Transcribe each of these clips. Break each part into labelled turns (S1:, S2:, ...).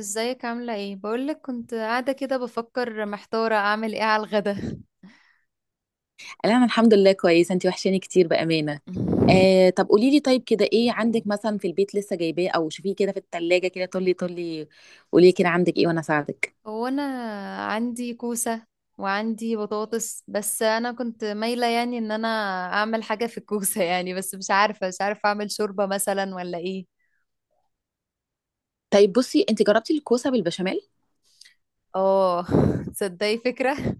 S1: ازيك عاملة ايه؟ بقولك كنت قاعدة كده بفكر محتارة اعمل ايه على الغدا.
S2: لا، انا الحمد لله كويسه، انت وحشاني كتير بامانه. آه، طب قولي لي، طيب كده ايه عندك مثلا في البيت لسه جايباه او شوفيه كده في التلاجة، كده طولي طولي. قولي لي كده عندك ايه، وانا اساعدك.
S1: هو انا عندي كوسة وعندي بطاطس، بس انا كنت مايلة يعني ان انا اعمل حاجة في الكوسة. يعني بس مش عارفة اعمل شوربة مثلا ولا ايه.
S2: طيب بصي، انت جربتي الكوسه بالبشاميل؟
S1: اه. تصدقي فكرة،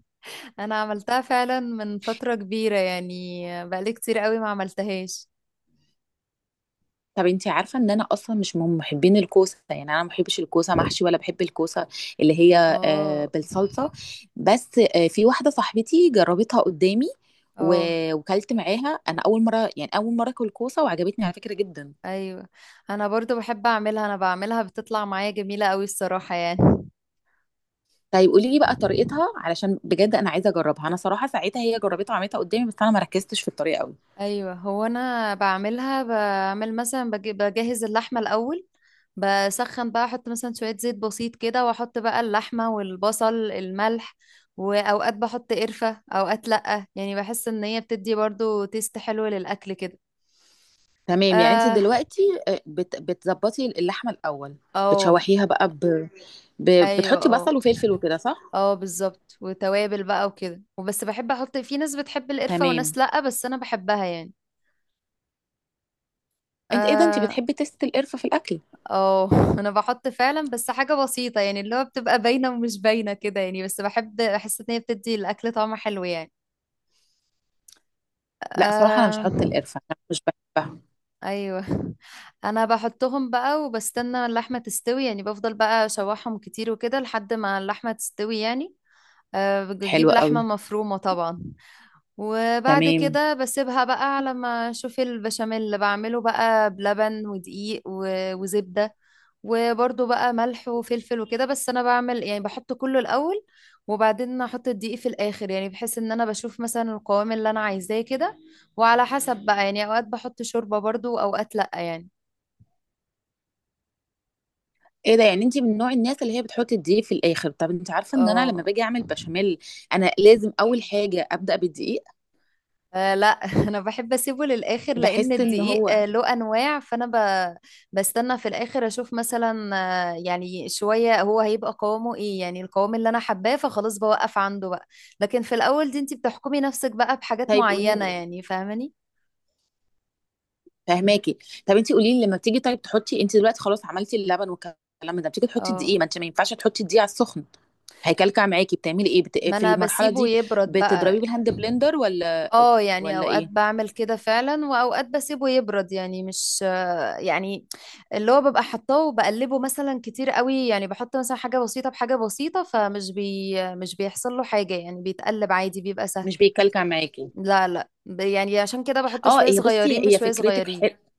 S1: انا عملتها فعلا من فترة كبيرة، يعني بقالي كتير قوي ما عملتهاش.
S2: طب انت عارفه ان انا اصلا مش من محبين الكوسه، يعني انا ما بحبش الكوسه محشي ولا بحب الكوسه اللي هي
S1: اه.
S2: بالصلصه. بس في واحده صاحبتي جربتها قدامي.
S1: اه.
S2: وكلت معاها انا اول مره، يعني اول مره اكل كوسه وعجبتني على فكره جدا.
S1: ايوه. انا برضو بحب اعملها، انا بعملها بتطلع معايا جميلة قوي الصراحة يعني.
S2: طيب قولي لي بقى طريقتها، علشان بجد انا عايزه اجربها، انا صراحه ساعتها هي جربتها وعملتها قدامي بس انا ما ركزتش في الطريقه قوي.
S1: ايوه، هو انا بعملها بعمل مثلا بجهز اللحمة الاول. بسخن بقى احط مثلا شوية زيت بسيط كده، واحط بقى اللحمة والبصل الملح، واوقات بحط قرفة اوقات لأ، يعني بحس ان هي بتدي برضو تيست حلو للاكل كده.
S2: تمام، يعني انت
S1: اه.
S2: دلوقتي بتظبطي اللحمه الاول.
S1: اه.
S2: بتشوحيها بقى ب...
S1: ايوه.
S2: بتحطي
S1: اه.
S2: بصل وفلفل وكده، صح؟
S1: اه بالظبط، وتوابل بقى وكده، وبس بحب احط، في ناس بتحب القرفة
S2: تمام.
S1: وناس لأ، بس انا بحبها يعني.
S2: انت ايه ده، انت
S1: اه.
S2: بتحبي تست القرفه في الاكل؟
S1: اه. انا بحط فعلا بس حاجة بسيطة، يعني اللي هو بتبقى باينة ومش باينة كده يعني، بس بحب بحس ان هي بتدي الاكل طعم حلو يعني.
S2: لا صراحه انا مش
S1: آه.
S2: هحط القرفه، انا مش بحبها.
S1: ايوه. انا بحطهم بقى وبستنى اللحمه تستوي يعني، بفضل بقى اشوحهم كتير وكده لحد ما اللحمه تستوي يعني. أه بجيب
S2: حلوه قوي.
S1: لحمه مفرومه طبعا. وبعد
S2: تمام.
S1: كده بسيبها بقى على ما اشوف البشاميل، اللي بعمله بقى بلبن ودقيق وزبدة. وبرضو بقى ملح وفلفل وكده، بس انا بعمل يعني بحط كله الاول، وبعدين احط الدقيق في الاخر، يعني بحيث ان انا بشوف مثلا القوام اللي انا عايزاه كده. وعلى حسب بقى يعني، اوقات بحط شوربة برضو واوقات لا يعني.
S2: ايه ده يعني، انت من نوع الناس اللي هي بتحط الدقيق في الاخر؟ طب انت عارفه ان انا لما
S1: اه.
S2: باجي اعمل بشاميل، انا لازم اول حاجه ابدا بالدقيق.
S1: لا. انا بحب اسيبه للاخر، لان
S2: بحس ان
S1: الدقيق
S2: هو...
S1: له انواع، فانا بستنى في الاخر اشوف مثلا. يعني شويه هو هيبقى قوامه ايه، يعني القوام اللي انا حباه فخلاص بوقف عنده بقى. لكن في الاول دي انت بتحكمي نفسك بقى بحاجات
S2: طيب قولي
S1: معينه
S2: لي،
S1: يعني، فاهماني.
S2: فاهماكي. طب انت قولي لي، لما بتيجي طيب تحطي، انت دلوقتي خلاص عملتي اللبن والكلام ده، بتيجي تحطي
S1: اه،
S2: الدقيق، ما انت ما ينفعش تحطي الدقيق على السخن. هيكلكع معاكي، بتعملي ايه
S1: ما
S2: في
S1: انا
S2: المرحله
S1: بسيبه
S2: دي؟
S1: يبرد
S2: بتضربيه
S1: بقى.
S2: بالهاند بلندر ولا
S1: اه، يعني
S2: ولا
S1: اوقات
S2: ايه،
S1: بعمل كده فعلا واوقات بسيبه يبرد، يعني مش يعني اللي هو ببقى حطاه وبقلبه مثلا كتير قوي، يعني بحط مثلا حاجة بسيطة بحاجة بسيطة، فمش بي مش بيحصل له حاجة يعني، بيتقلب عادي بيبقى سهل.
S2: مش بيكلكع معاكي؟
S1: لا لا، يعني عشان كده بحط
S2: اه
S1: شوية
S2: هي بصي،
S1: صغيرين
S2: هي
S1: بشوية
S2: فكرتك
S1: صغيرين.
S2: حلوه.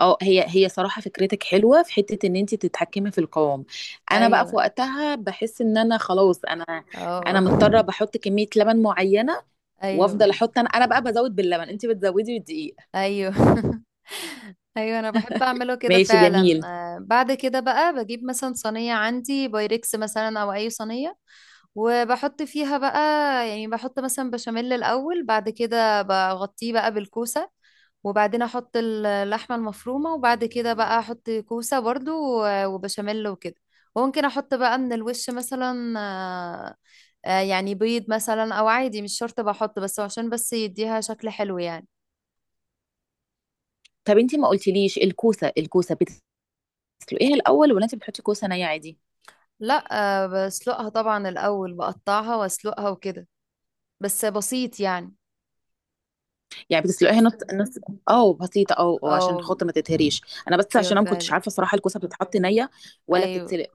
S2: اه هي صراحه فكرتك حلوه في حته ان انت تتحكمي في القوام. انا بقى في
S1: ايوه.
S2: وقتها بحس ان انا خلاص انا... انا
S1: اه.
S2: مضطره بحط كميه لبن معينه.
S1: ايوه.
S2: وافضل احط، انا بقى بزود باللبن، انت بتزودي بالدقيق.
S1: ايوه. ايوه، انا بحب اعمله كده
S2: ماشي
S1: فعلا.
S2: جميل.
S1: بعد كده بقى بجيب مثلا صينية عندي بايركس مثلا او اي صينية، وبحط فيها بقى، يعني بحط مثلا بشاميل الأول، بعد كده بغطيه بقى بالكوسة، وبعدين أحط اللحمة المفرومة، وبعد كده بقى أحط كوسة برضو وبشاميل وكده. وممكن أحط بقى من الوش مثلا. يعني بيض مثلا أو عادي مش شرط بحط، بس عشان بس يديها شكل حلو يعني.
S2: طب انتي ما قلتليش، الكوسه بتسلقيها الاول ولا انتي بتحطي كوسه نيه عادي؟
S1: لا، بسلقها طبعا الأول، بقطعها وأسلقها وكده، بس بسيط يعني.
S2: يعني بتسلقيها نص نص، او بسيطه، او عشان
S1: أو.
S2: خاطر ما تتهريش. انا بس
S1: أيوة
S2: عشان انا ما
S1: فعلا.
S2: كنتش عارفه صراحه، الكوسه بتتحط نيه ولا
S1: ايوه.
S2: بتتسلق؟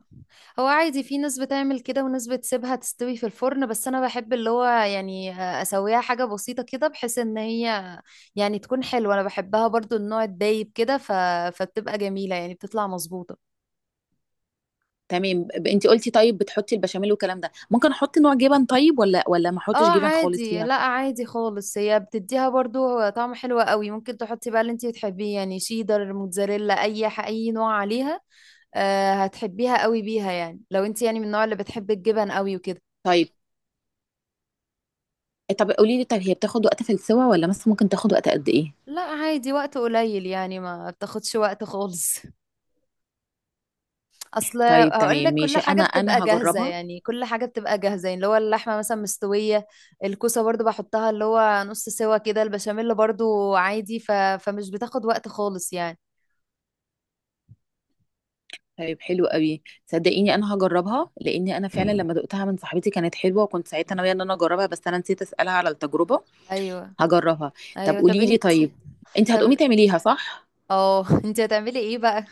S1: هو عادي، في ناس بتعمل كده وناس بتسيبها تستوي في الفرن، بس انا بحب اللي هو يعني اسويها حاجة بسيطة كده، بحيث ان هي يعني تكون حلوة. انا بحبها برضو النوع الدايب كده، فبتبقى جميلة يعني، بتطلع مظبوطة.
S2: تمام انتي قلتي طيب بتحطي البشاميل والكلام ده، ممكن احط نوع جبن طيب ولا ما احطش
S1: اه
S2: جبن خالص
S1: عادي،
S2: فيها؟
S1: لا عادي خالص، هي بتديها برضو طعم حلو قوي. ممكن تحطي بقى اللي انتي بتحبيه، يعني شيدر، موتزاريلا، اي اي نوع عليها. هتحبيها قوي بيها يعني، لو انتي يعني من النوع اللي بتحب الجبن قوي وكده.
S2: طيب. طب قولي لي، طب هي بتاخد وقت في السوا، ولا مثلا ممكن تاخد وقت قد ايه؟
S1: لا عادي، وقت قليل يعني، ما بتاخدش وقت خالص. اصل
S2: طيب
S1: هقول
S2: تمام
S1: لك، كل
S2: ماشي،
S1: حاجه
S2: انا
S1: بتبقى
S2: انا
S1: جاهزه
S2: هجربها.
S1: يعني، كل حاجه بتبقى جاهزه يعني، اللي هو اللحمه مثلا مستويه، الكوسه برضو بحطها اللي هو نص سوا كده، البشاميل برضو عادي، فمش بتاخد وقت خالص يعني.
S2: طيب حلو قوي، صدقيني انا هجربها، لاني انا فعلا لما دقتها من صاحبتي كانت حلوه، وكنت ساعتها ناويه ان انا اجربها بس انا نسيت اسالها على التجربه.
S1: ايوه.
S2: هجربها. طب
S1: ايوه. طب
S2: قولي لي
S1: انت.
S2: طيب، انت هتقومي
S1: طب
S2: تعمليها، صح؟
S1: اه. انت هتعملي ايه بقى؟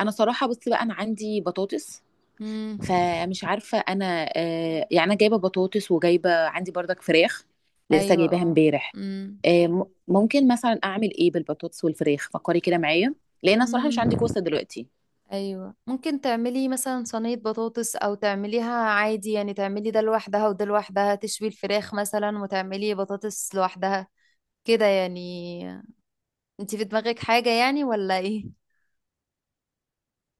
S2: انا صراحه بصي بقى، انا عندي بطاطس،
S1: امم.
S2: فمش عارفه انا، يعني انا جايبه بطاطس وجايبه عندي بردك فراخ، لسه
S1: ايوه.
S2: جايباها
S1: اه.
S2: امبارح. ممكن مثلا اعمل ايه بالبطاطس والفراخ، فكري كده معايا، لان انا صراحه مش
S1: امم.
S2: عندي كوسه دلوقتي.
S1: ايوه، ممكن تعملي مثلا صينية بطاطس، او تعمليها عادي، يعني تعملي ده لوحدها وده لوحدها، تشوي الفراخ مثلا وتعملي بطاطس لوحدها، كده يعني. انتي في دماغك حاجة يعني ولا ايه؟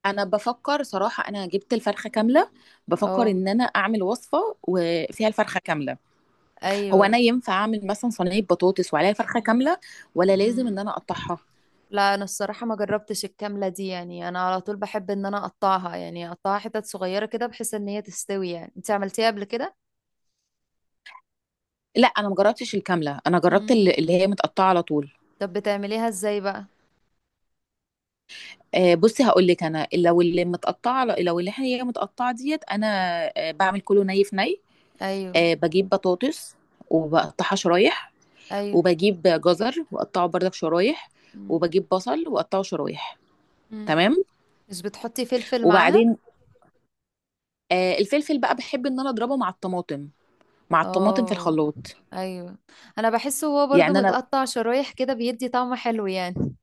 S2: انا بفكر صراحه، انا جبت الفرخه كامله. بفكر
S1: اه.
S2: ان انا اعمل وصفه وفيها الفرخه كامله. هو
S1: ايوه.
S2: انا ينفع اعمل مثلا صينيه بطاطس وعليها الفرخه كامله، ولا لازم
S1: مم.
S2: ان انا اقطعها؟
S1: لا، انا الصراحة ما جربتش الكاملة دي يعني، انا على طول بحب ان انا اقطعها، يعني اقطعها حتت صغيرة كده بحيث ان هي تستوي. يعني انتي عملتيها قبل كده؟
S2: لا انا مجربتش الكامله، انا جربت
S1: مم.
S2: اللي هي متقطعه على طول.
S1: طب بتعمليها ازاي بقى؟
S2: بصي هقول لك، انا لو اللي متقطعه، لو اللي هي متقطعه ديت انا... بعمل كله ني في ني.
S1: ايوه.
S2: بجيب بطاطس وبقطعها شرايح،
S1: ايوه.
S2: وبجيب جزر واقطعه برضك شرايح،
S1: مم.
S2: وبجيب بصل واقطعه شرايح.
S1: مم.
S2: تمام.
S1: مش بتحطي فلفل معاها؟
S2: وبعدين الفلفل بقى بحب ان انا اضربه مع الطماطم، مع الطماطم في
S1: اه.
S2: الخلاط.
S1: ايوه، انا بحسه هو برضو
S2: يعني انا...
S1: متقطع شرايح كده بيدي طعم حلو يعني.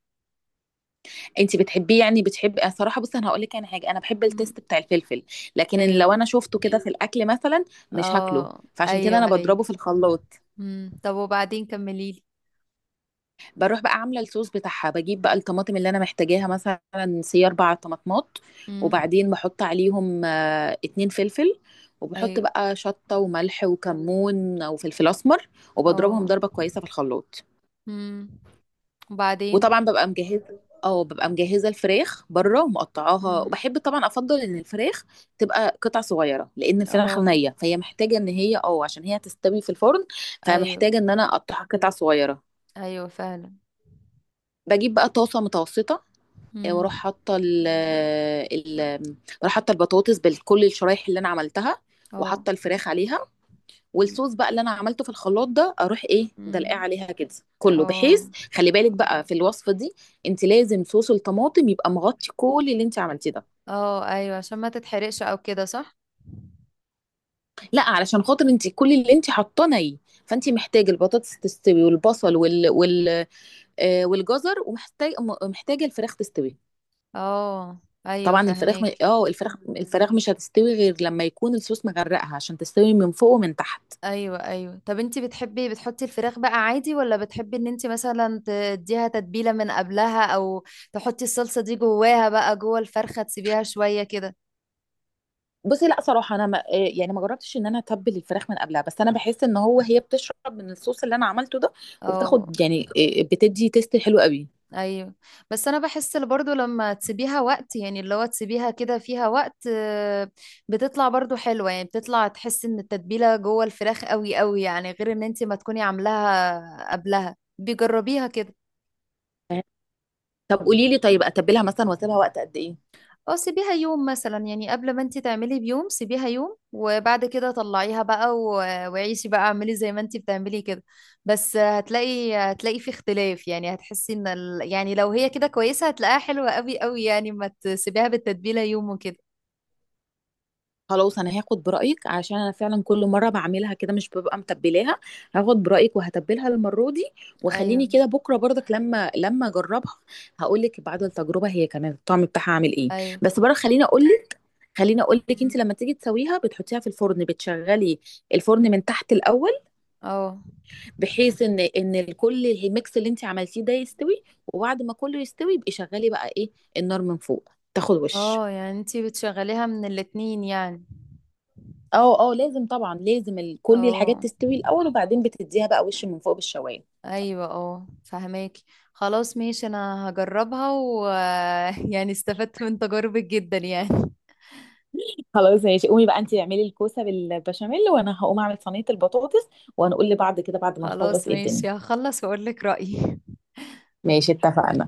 S2: انت بتحبيه، يعني بتحبي، أنا صراحه بصي انا هقول لك، انا حاجه انا بحب
S1: مم.
S2: التيست بتاع الفلفل، لكن إن
S1: ايوه.
S2: لو انا شفته كده في الاكل مثلا، مش هاكله.
S1: اه.
S2: فعشان كده
S1: ايوه.
S2: انا
S1: ايوه.
S2: بضربه في الخلاط.
S1: مم. طب وبعدين كمليلي.
S2: بروح بقى عامله الصوص بتاعها، بجيب بقى الطماطم اللي انا محتاجاها، مثلا سي 4 طماطمات،
S1: مم.
S2: وبعدين بحط عليهم 2 فلفل، وبحط
S1: ايوه.
S2: بقى شطه وملح وكمون وفلفل اسمر، وبضربهم
S1: اه.
S2: ضربه كويسه في الخلاط.
S1: مم. وبعدين.
S2: وطبعا ببقى مجهزه الفراخ بره ومقطعاها،
S1: مم.
S2: وبحب طبعا افضل ان الفراخ تبقى قطع صغيره، لان الفراخ
S1: اه.
S2: نيه فهي محتاجه ان هي عشان هي تستوي في الفرن،
S1: ايوه.
S2: فمحتاجه ان انا اقطعها قطع صغيره.
S1: ايوه فعلا.
S2: بجيب بقى طاسه متوسطه، واروح
S1: مم.
S2: حاطه ال... ال... بروح حاطه البطاطس بكل الشرايح اللي انا عملتها،
S1: اه.
S2: وحاطه الفراخ عليها،
S1: مم.
S2: والصوص بقى اللي انا عملته في الخلاط ده، اروح ايه دلقاه
S1: مم.
S2: عليها كده، كله، بحيث...
S1: اه.
S2: خلي بالك بقى في الوصفه دي، انت لازم صوص الطماطم يبقى مغطي كل اللي انت عملتيه ده.
S1: اه ايوه، عشان ما تتحرقش او كده، صح.
S2: لا، علشان خاطر انت كل اللي انت حاطاه ني، فانت محتاجه البطاطس تستوي، والبصل والجزر، ومحتاج محتاجه الفراخ تستوي.
S1: اه ايوه،
S2: طبعا الفراخ م...
S1: فهمك.
S2: اه الفراخ مش هتستوي غير لما يكون الصوص مغرقها عشان تستوي من فوق ومن تحت.
S1: ايوه. ايوه. طب انتي بتحبي بتحطي الفراخ بقى عادي، ولا بتحبي ان انتي مثلا تديها تتبيلة من قبلها، او تحطي الصلصة دي جواها بقى، جوه الفرخة تسيبيها شوية كده.
S2: بصي، لا صراحه انا ما يعني ما جربتش ان انا اتبل الفراخ من قبلها، بس انا بحس ان هو هي بتشرب من الصوص اللي انا عملته ده،
S1: اه.
S2: وبتاخد يعني، بتدي تيست حلو قوي.
S1: ايوه، بس انا بحس اللي برضو لما تسيبيها وقت، يعني اللي هو تسيبيها كده فيها وقت، بتطلع برضو حلوة يعني، بتطلع تحس ان التتبيلة جوه الفراخ قوي قوي، يعني غير ان انتي ما تكوني عاملاها قبلها، بيجربيها كده.
S2: طب قولي لي طيب، اتبلها مثلا واسيبها وقت قد ايه؟
S1: اه، سيبيها يوم مثلا يعني، قبل ما انت تعملي بيوم سيبيها يوم، وبعد كده طلعيها بقى وعيشي بقى، اعملي زي ما انت بتعملي كده. بس هتلاقي في اختلاف، يعني هتحسي ان يعني لو هي كده كويسة هتلاقيها حلوة قوي قوي يعني، ما تسيبيها بالتتبيلة يوم وكده.
S2: خلاص، انا هاخد برايك، عشان انا فعلا كل مره بعملها كده مش ببقى متبلاها. هاخد برايك وهتبلها المره دي، وخليني
S1: ايوه.
S2: كده بكره برضك لما اجربها، هقول لك بعد التجربه هي كانت الطعم بتاعها عامل ايه.
S1: ايوه.
S2: بس بره خليني اقول، خليني اقول لك،
S1: م-
S2: انت لما تيجي تسويها بتحطيها في الفرن، بتشغلي الفرن
S1: م.
S2: من تحت الاول،
S1: اه.
S2: بحيث ان الكل الميكس اللي انت عملتيه ده يستوي، وبعد ما كله يستوي يبقي شغلي بقى ايه، النار من فوق تاخد وش.
S1: اه يعني انت بتشغليها من الاتنين يعني.
S2: اه، اه لازم، طبعا لازم كل الحاجات
S1: اه.
S2: تستوي الاول، وبعدين بتديها بقى وش من فوق بالشوايه.
S1: ايوه. اه فهماكي. خلاص ماشي، انا هجربها ويعني استفدت من تجاربك جدا يعني.
S2: خلاص ماشي، قومي بقى انت اعملي الكوسه بالبشاميل، وانا هقوم اعمل صينيه البطاطس، وهنقول لبعض كده بعد ما نخلص
S1: خلاص
S2: ايه الدنيا.
S1: ماشي، هخلص واقول لك رأيي.
S2: ماشي اتفقنا.